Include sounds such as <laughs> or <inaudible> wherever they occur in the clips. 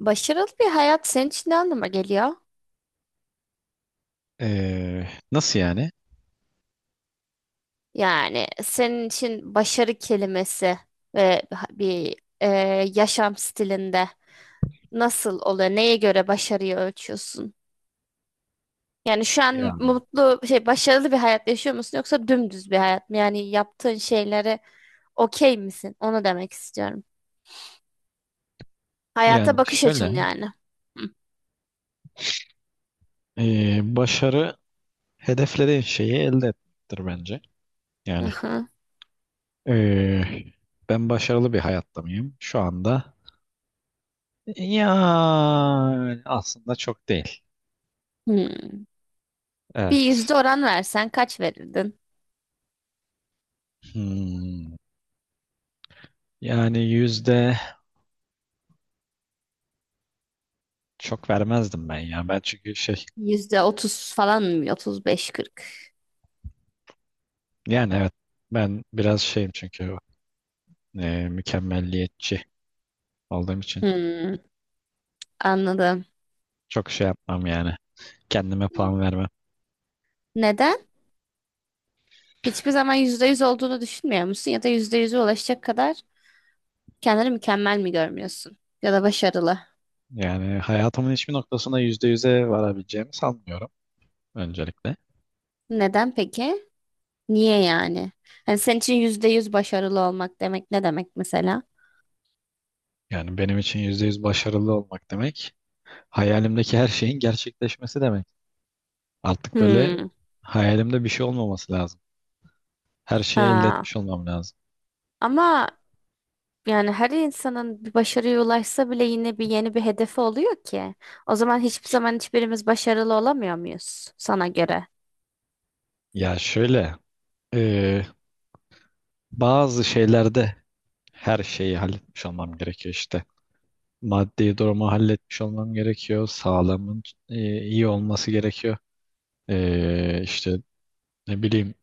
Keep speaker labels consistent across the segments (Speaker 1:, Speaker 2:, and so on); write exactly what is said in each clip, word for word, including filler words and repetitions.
Speaker 1: Başarılı bir hayat senin için ne anlama geliyor?
Speaker 2: Ee, nasıl yani?
Speaker 1: Yani senin için başarı kelimesi ve bir e, yaşam stilinde nasıl oluyor? Neye göre başarıyı ölçüyorsun? Yani şu an
Speaker 2: Ya.
Speaker 1: mutlu, şey başarılı bir hayat yaşıyor musun yoksa dümdüz bir hayat mı? Yani yaptığın şeylere okey misin? Onu demek istiyorum. Hayata
Speaker 2: Yani
Speaker 1: bakış açın
Speaker 2: şöyle,
Speaker 1: yani. Hı.
Speaker 2: ee, başarı hedeflediğin şeyi elde etmektir bence. Yani
Speaker 1: Aha.
Speaker 2: ee, ben başarılı bir hayatta mıyım şu anda? Yani aslında çok değil.
Speaker 1: Hmm. Bir
Speaker 2: Evet.
Speaker 1: yüzde oran versen kaç verirdin?
Speaker 2: Hmm, yani yüzde çok vermezdim ben ya. Ben çünkü şey,
Speaker 1: Yüzde otuz falan mı? Otuz beş kırk.
Speaker 2: yani evet ben biraz şeyim çünkü ee, mükemmelliyetçi olduğum için
Speaker 1: Hmm, anladım.
Speaker 2: çok şey yapmam yani. Kendime puan vermem.
Speaker 1: Neden? Hiçbir zaman yüzde yüz olduğunu düşünmüyor musun? Ya da yüzde yüze ulaşacak kadar kendini mükemmel mi görmüyorsun? Ya da başarılı.
Speaker 2: Yani hayatımın hiçbir noktasına yüzde yüze varabileceğimi sanmıyorum öncelikle.
Speaker 1: Neden peki? Niye yani? Hani senin için yüzde yüz başarılı olmak demek ne demek mesela?
Speaker 2: Yani benim için yüzde yüz başarılı olmak demek hayalimdeki her şeyin gerçekleşmesi demek. Artık böyle
Speaker 1: Hmm.
Speaker 2: hayalimde bir şey olmaması lazım. Her şeyi elde
Speaker 1: Ha.
Speaker 2: etmiş olmam lazım.
Speaker 1: Ama yani her insanın bir başarıya ulaşsa bile yine bir yeni bir hedefi oluyor ki. O zaman hiçbir zaman hiçbirimiz başarılı olamıyor muyuz sana göre?
Speaker 2: Ya şöyle e, bazı şeylerde her şeyi halletmiş olmam gerekiyor işte. Maddi durumu halletmiş olmam gerekiyor. Sağlamın e, iyi olması gerekiyor. E, işte ne bileyim,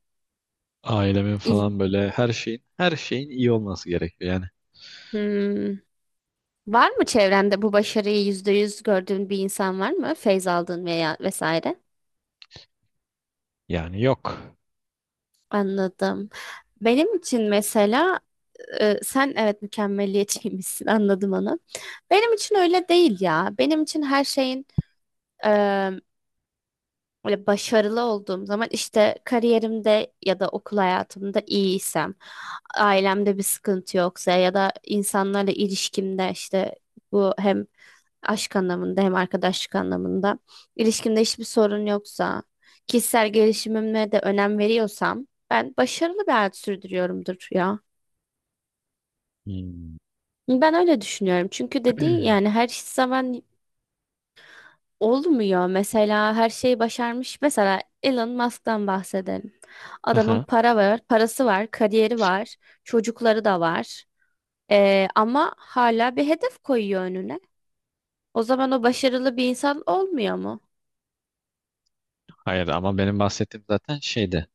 Speaker 2: ailemin
Speaker 1: İl-
Speaker 2: falan böyle her şeyin her şeyin iyi olması gerekiyor yani.
Speaker 1: Hmm. Var mı çevrende bu başarıyı yüzde yüz gördüğün bir insan var mı? Feyz aldığın veya vesaire.
Speaker 2: Yani yok.
Speaker 1: Anladım. Benim için mesela e, sen evet mükemmeliyetçiymişsin <laughs> anladım onu. Benim için öyle değil ya. Benim için her şeyin böyle başarılı olduğum zaman işte kariyerimde ya da okul hayatımda iyiysem, ailemde bir sıkıntı yoksa ya da insanlarla ilişkimde işte bu hem aşk anlamında hem arkadaşlık anlamında ilişkimde hiçbir sorun yoksa, kişisel gelişimime de önem veriyorsam ben başarılı bir hayat sürdürüyorumdur ya.
Speaker 2: Hmm.
Speaker 1: Ben öyle düşünüyorum. Çünkü dediğin yani her zaman olmuyor mesela her şeyi başarmış. Mesela Elon Musk'tan bahsedelim. Adamın
Speaker 2: Aha.
Speaker 1: para var, parası var, kariyeri var, çocukları da var. Ee, ama hala bir hedef koyuyor önüne. O zaman o başarılı bir insan olmuyor mu?
Speaker 2: Hayır, ama benim bahsettiğim zaten şeyde,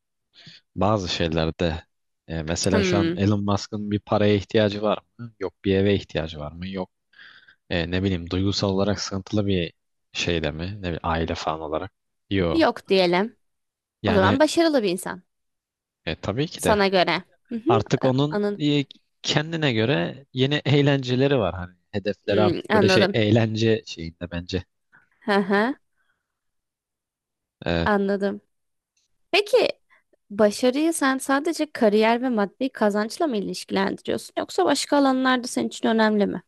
Speaker 2: bazı şeylerde, e, mesela şu an
Speaker 1: Hmm,
Speaker 2: Elon Musk'ın bir paraya ihtiyacı var mı? Yok. Bir eve ihtiyacı var mı? Yok. E, ne bileyim, duygusal olarak sıkıntılı bir şeyde mi? Ne bileyim, aile falan olarak. Yok.
Speaker 1: yok diyelim. O
Speaker 2: Yani
Speaker 1: zaman başarılı bir insan
Speaker 2: e, tabii ki de
Speaker 1: sana göre. Hı hı,
Speaker 2: artık onun,
Speaker 1: anın-
Speaker 2: e, kendine göre yeni eğlenceleri var. Hani hedefleri
Speaker 1: hmm,
Speaker 2: artık böyle şey,
Speaker 1: anladım.
Speaker 2: eğlence şeyinde bence.
Speaker 1: Hı hı,
Speaker 2: E,
Speaker 1: anladım. Peki başarıyı sen sadece kariyer ve maddi kazançla mı ilişkilendiriyorsun yoksa başka alanlarda senin için önemli mi?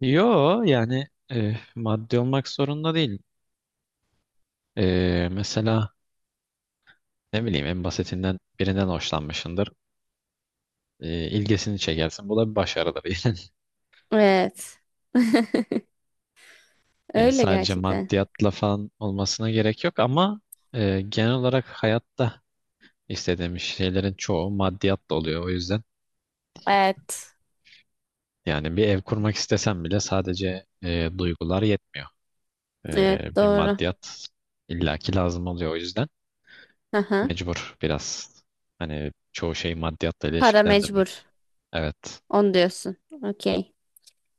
Speaker 2: Yo yani e, maddi olmak zorunda değil. E, mesela ne bileyim, en basitinden birinden hoşlanmışsındır. E, ilgisini çekersin. Bu da bir başarıdır. <laughs>
Speaker 1: Evet. <laughs>
Speaker 2: Yani
Speaker 1: Öyle
Speaker 2: sadece
Speaker 1: gerçekten.
Speaker 2: maddiyatla falan olmasına gerek yok ama e, genel olarak hayatta istediğimiz şeylerin çoğu maddiyatla oluyor. O yüzden
Speaker 1: Evet.
Speaker 2: yani bir ev kurmak istesem bile sadece e, duygular yetmiyor.
Speaker 1: Evet
Speaker 2: E, bir
Speaker 1: doğru.
Speaker 2: maddiyat illaki lazım oluyor o yüzden.
Speaker 1: Aha.
Speaker 2: Mecbur biraz. Hani çoğu şeyi maddiyatla
Speaker 1: Para mecbur.
Speaker 2: ilişkilendirmek. Evet.
Speaker 1: Onu diyorsun. Okey.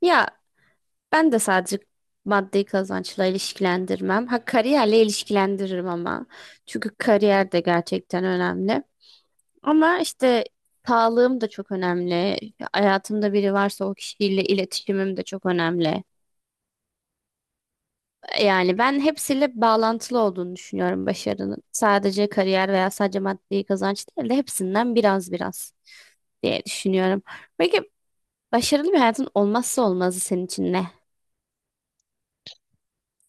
Speaker 1: Ya ben de sadece maddi kazançla ilişkilendirmem. Ha kariyerle ilişkilendiririm ama. Çünkü kariyer de gerçekten önemli. Ama işte sağlığım da çok önemli. Hayatımda biri varsa o kişiyle iletişimim de çok önemli. Yani ben hepsiyle bağlantılı olduğunu düşünüyorum başarının. Sadece kariyer veya sadece maddi kazanç değil de hepsinden biraz biraz diye düşünüyorum. Peki başarılı bir hayatın olmazsa olmazı senin için ne?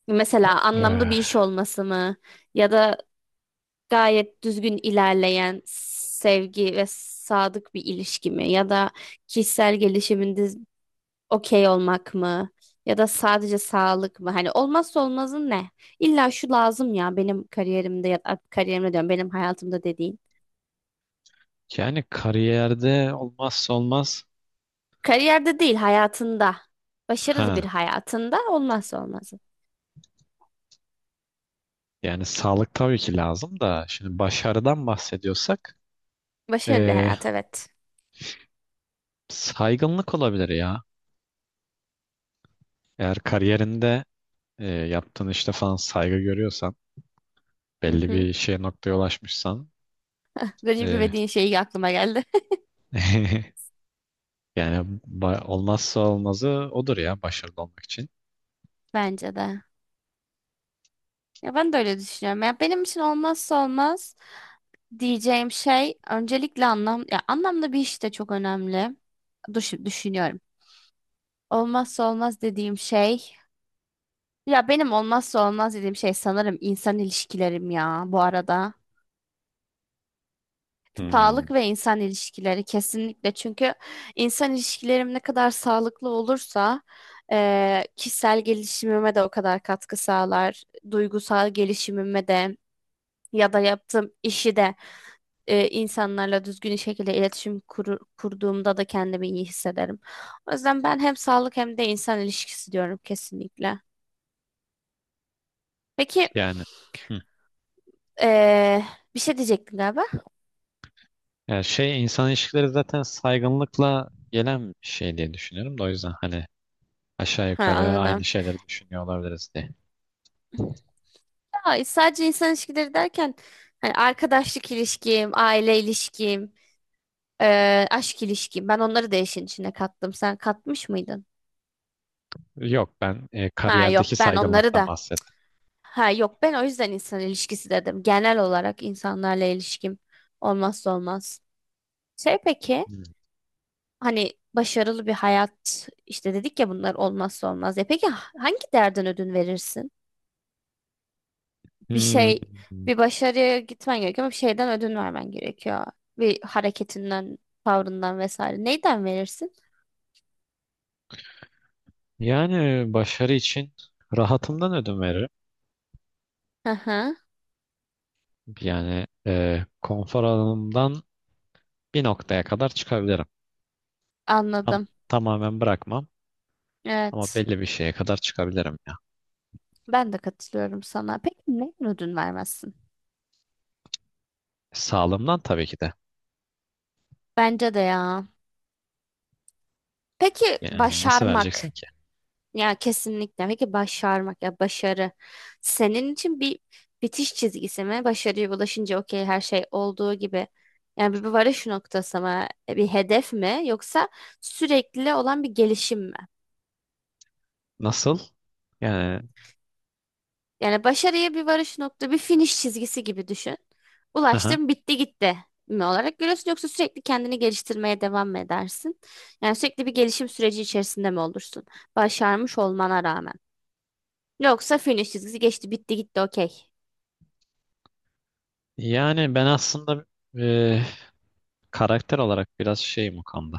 Speaker 1: Mesela anlamlı
Speaker 2: Eh,
Speaker 1: bir iş olması mı? Ya da gayet düzgün ilerleyen sevgi ve sadık bir ilişki mi? Ya da kişisel gelişiminde okey olmak mı? Ya da sadece sağlık mı? Hani olmazsa olmazın ne? İlla şu lazım ya benim kariyerimde ya da kariyerimde diyorum benim hayatımda dediğin.
Speaker 2: Yani kariyerde olmazsa olmaz.
Speaker 1: Kariyerde değil hayatında. Başarılı bir
Speaker 2: Ha,
Speaker 1: hayatında olmazsa olmazın.
Speaker 2: yani sağlık tabii ki lazım da şimdi başarıdan bahsediyorsak
Speaker 1: Başarılı bir
Speaker 2: eh,
Speaker 1: hayat evet.
Speaker 2: saygınlık olabilir ya. Eğer kariyerinde eh, yaptığın işte falan saygı görüyorsan,
Speaker 1: Hı
Speaker 2: belli
Speaker 1: hı.
Speaker 2: bir şeye, noktaya ulaşmışsan,
Speaker 1: Recep
Speaker 2: eh,
Speaker 1: İvedik'in şeyi aklıma geldi.
Speaker 2: <laughs> yani ba- olmazsa olmazı odur ya başarılı olmak için.
Speaker 1: <laughs> Bence de. Ya ben de öyle düşünüyorum. Ya benim için olmazsa olmaz diyeceğim şey öncelikle anlam ya anlamlı bir iş de çok önemli. Düş düşünüyorum. Olmazsa olmaz dediğim şey ya benim olmazsa olmaz dediğim şey sanırım insan ilişkilerim ya bu arada.
Speaker 2: Hmm,
Speaker 1: Sağlık ve insan ilişkileri kesinlikle. Çünkü insan ilişkilerim ne kadar sağlıklı olursa eee, kişisel gelişimime de o kadar katkı sağlar. Duygusal gelişimime de ya da yaptığım işi de eee, insanlarla düzgün şekilde iletişim kuru- kurduğumda da kendimi iyi hissederim. O yüzden ben hem sağlık hem de insan ilişkisi diyorum kesinlikle. Peki
Speaker 2: yani hı.
Speaker 1: eee, bir şey diyecektin galiba.
Speaker 2: Yani şey, insan ilişkileri zaten saygınlıkla gelen bir şey diye düşünüyorum da o yüzden hani aşağı
Speaker 1: Ha,
Speaker 2: yukarı aynı
Speaker 1: anladım.
Speaker 2: şeyleri düşünüyor olabiliriz diye.
Speaker 1: Ya, sadece insan ilişkileri derken hani arkadaşlık ilişkim, aile ilişkim, e, aşk ilişkim. Ben onları da işin içine kattım. Sen katmış mıydın?
Speaker 2: Yok, ben e,
Speaker 1: Ha yok
Speaker 2: kariyerdeki
Speaker 1: ben onları
Speaker 2: saygınlıktan
Speaker 1: da.
Speaker 2: bahsettim.
Speaker 1: Ha yok ben o yüzden insan ilişkisi dedim. Genel olarak insanlarla ilişkim olmazsa olmaz. Şey peki hani başarılı bir hayat işte dedik ya bunlar olmazsa olmaz. E peki hangi değerden ödün verirsin? Bir
Speaker 2: Hmm,
Speaker 1: şey bir başarıya gitmen gerekiyor ama bir şeyden ödün vermen gerekiyor. Bir hareketinden, tavrından vesaire. Neyden verirsin?
Speaker 2: yani e, başarı için rahatımdan ödün veririm.
Speaker 1: Hı hı,
Speaker 2: Yani e, konfor alanımdan bir noktaya kadar çıkabilirim. Tam,
Speaker 1: anladım.
Speaker 2: tamamen bırakmam ama
Speaker 1: Evet.
Speaker 2: belli bir şeye kadar çıkabilirim ya.
Speaker 1: Ben de katılıyorum sana. Peki neyden ödün vermezsin?
Speaker 2: Sağlığımdan tabii ki de.
Speaker 1: Bence de ya. Peki
Speaker 2: Yani nasıl
Speaker 1: başarmak.
Speaker 2: vereceksin ki?
Speaker 1: Ya kesinlikle. Peki başarmak ya başarı senin için bir bitiş çizgisi mi? Başarıya ulaşınca okey her şey olduğu gibi. Yani bir bir varış noktası mı? E, Bir hedef mi? Yoksa sürekli olan bir gelişim mi?
Speaker 2: Nasıl? Yani
Speaker 1: Yani başarıya bir varış nokta, bir finish çizgisi gibi düşün.
Speaker 2: aha.
Speaker 1: Ulaştım, bitti gitti mi olarak görüyorsun yoksa sürekli kendini geliştirmeye devam mı edersin? Yani sürekli bir gelişim süreci içerisinde mi olursun? Başarmış olmana rağmen. Yoksa finish çizgisi geçti, bitti gitti okey.
Speaker 2: Yani ben aslında e, karakter olarak biraz şeyim o konuda.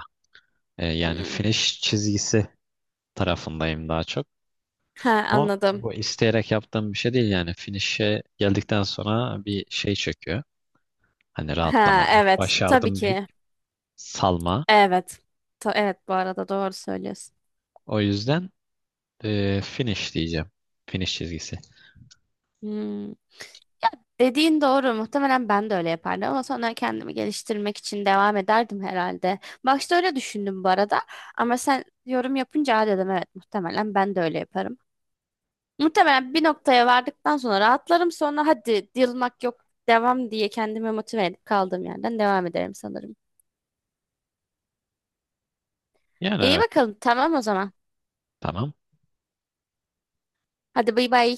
Speaker 2: E, yani
Speaker 1: Hmm.
Speaker 2: finish çizgisi tarafındayım daha çok.
Speaker 1: Ha
Speaker 2: Ama
Speaker 1: anladım.
Speaker 2: bu isteyerek yaptığım bir şey değil yani. Finish'e geldikten sonra bir şey çöküyor. Hani
Speaker 1: Ha
Speaker 2: rahatlama, "Oh,
Speaker 1: evet tabii
Speaker 2: başardım," deyip
Speaker 1: ki.
Speaker 2: salma.
Speaker 1: Evet. Ta- evet bu arada doğru söylüyorsun.
Speaker 2: O yüzden e, finish diyeceğim. Finish çizgisi.
Speaker 1: Hmm. Dediğin doğru. Muhtemelen ben de öyle yapardım ama sonra kendimi geliştirmek için devam ederdim herhalde. Başta öyle düşündüm bu arada ama sen yorum yapınca "Aa," dedim evet muhtemelen ben de öyle yaparım. Muhtemelen bir noktaya vardıktan sonra rahatlarım sonra hadi yılmak yok devam diye kendimi motive edip kaldığım yerden devam ederim sanırım.
Speaker 2: Yani
Speaker 1: İyi
Speaker 2: evet,
Speaker 1: bakalım tamam o zaman.
Speaker 2: tamam.
Speaker 1: Hadi bay bay.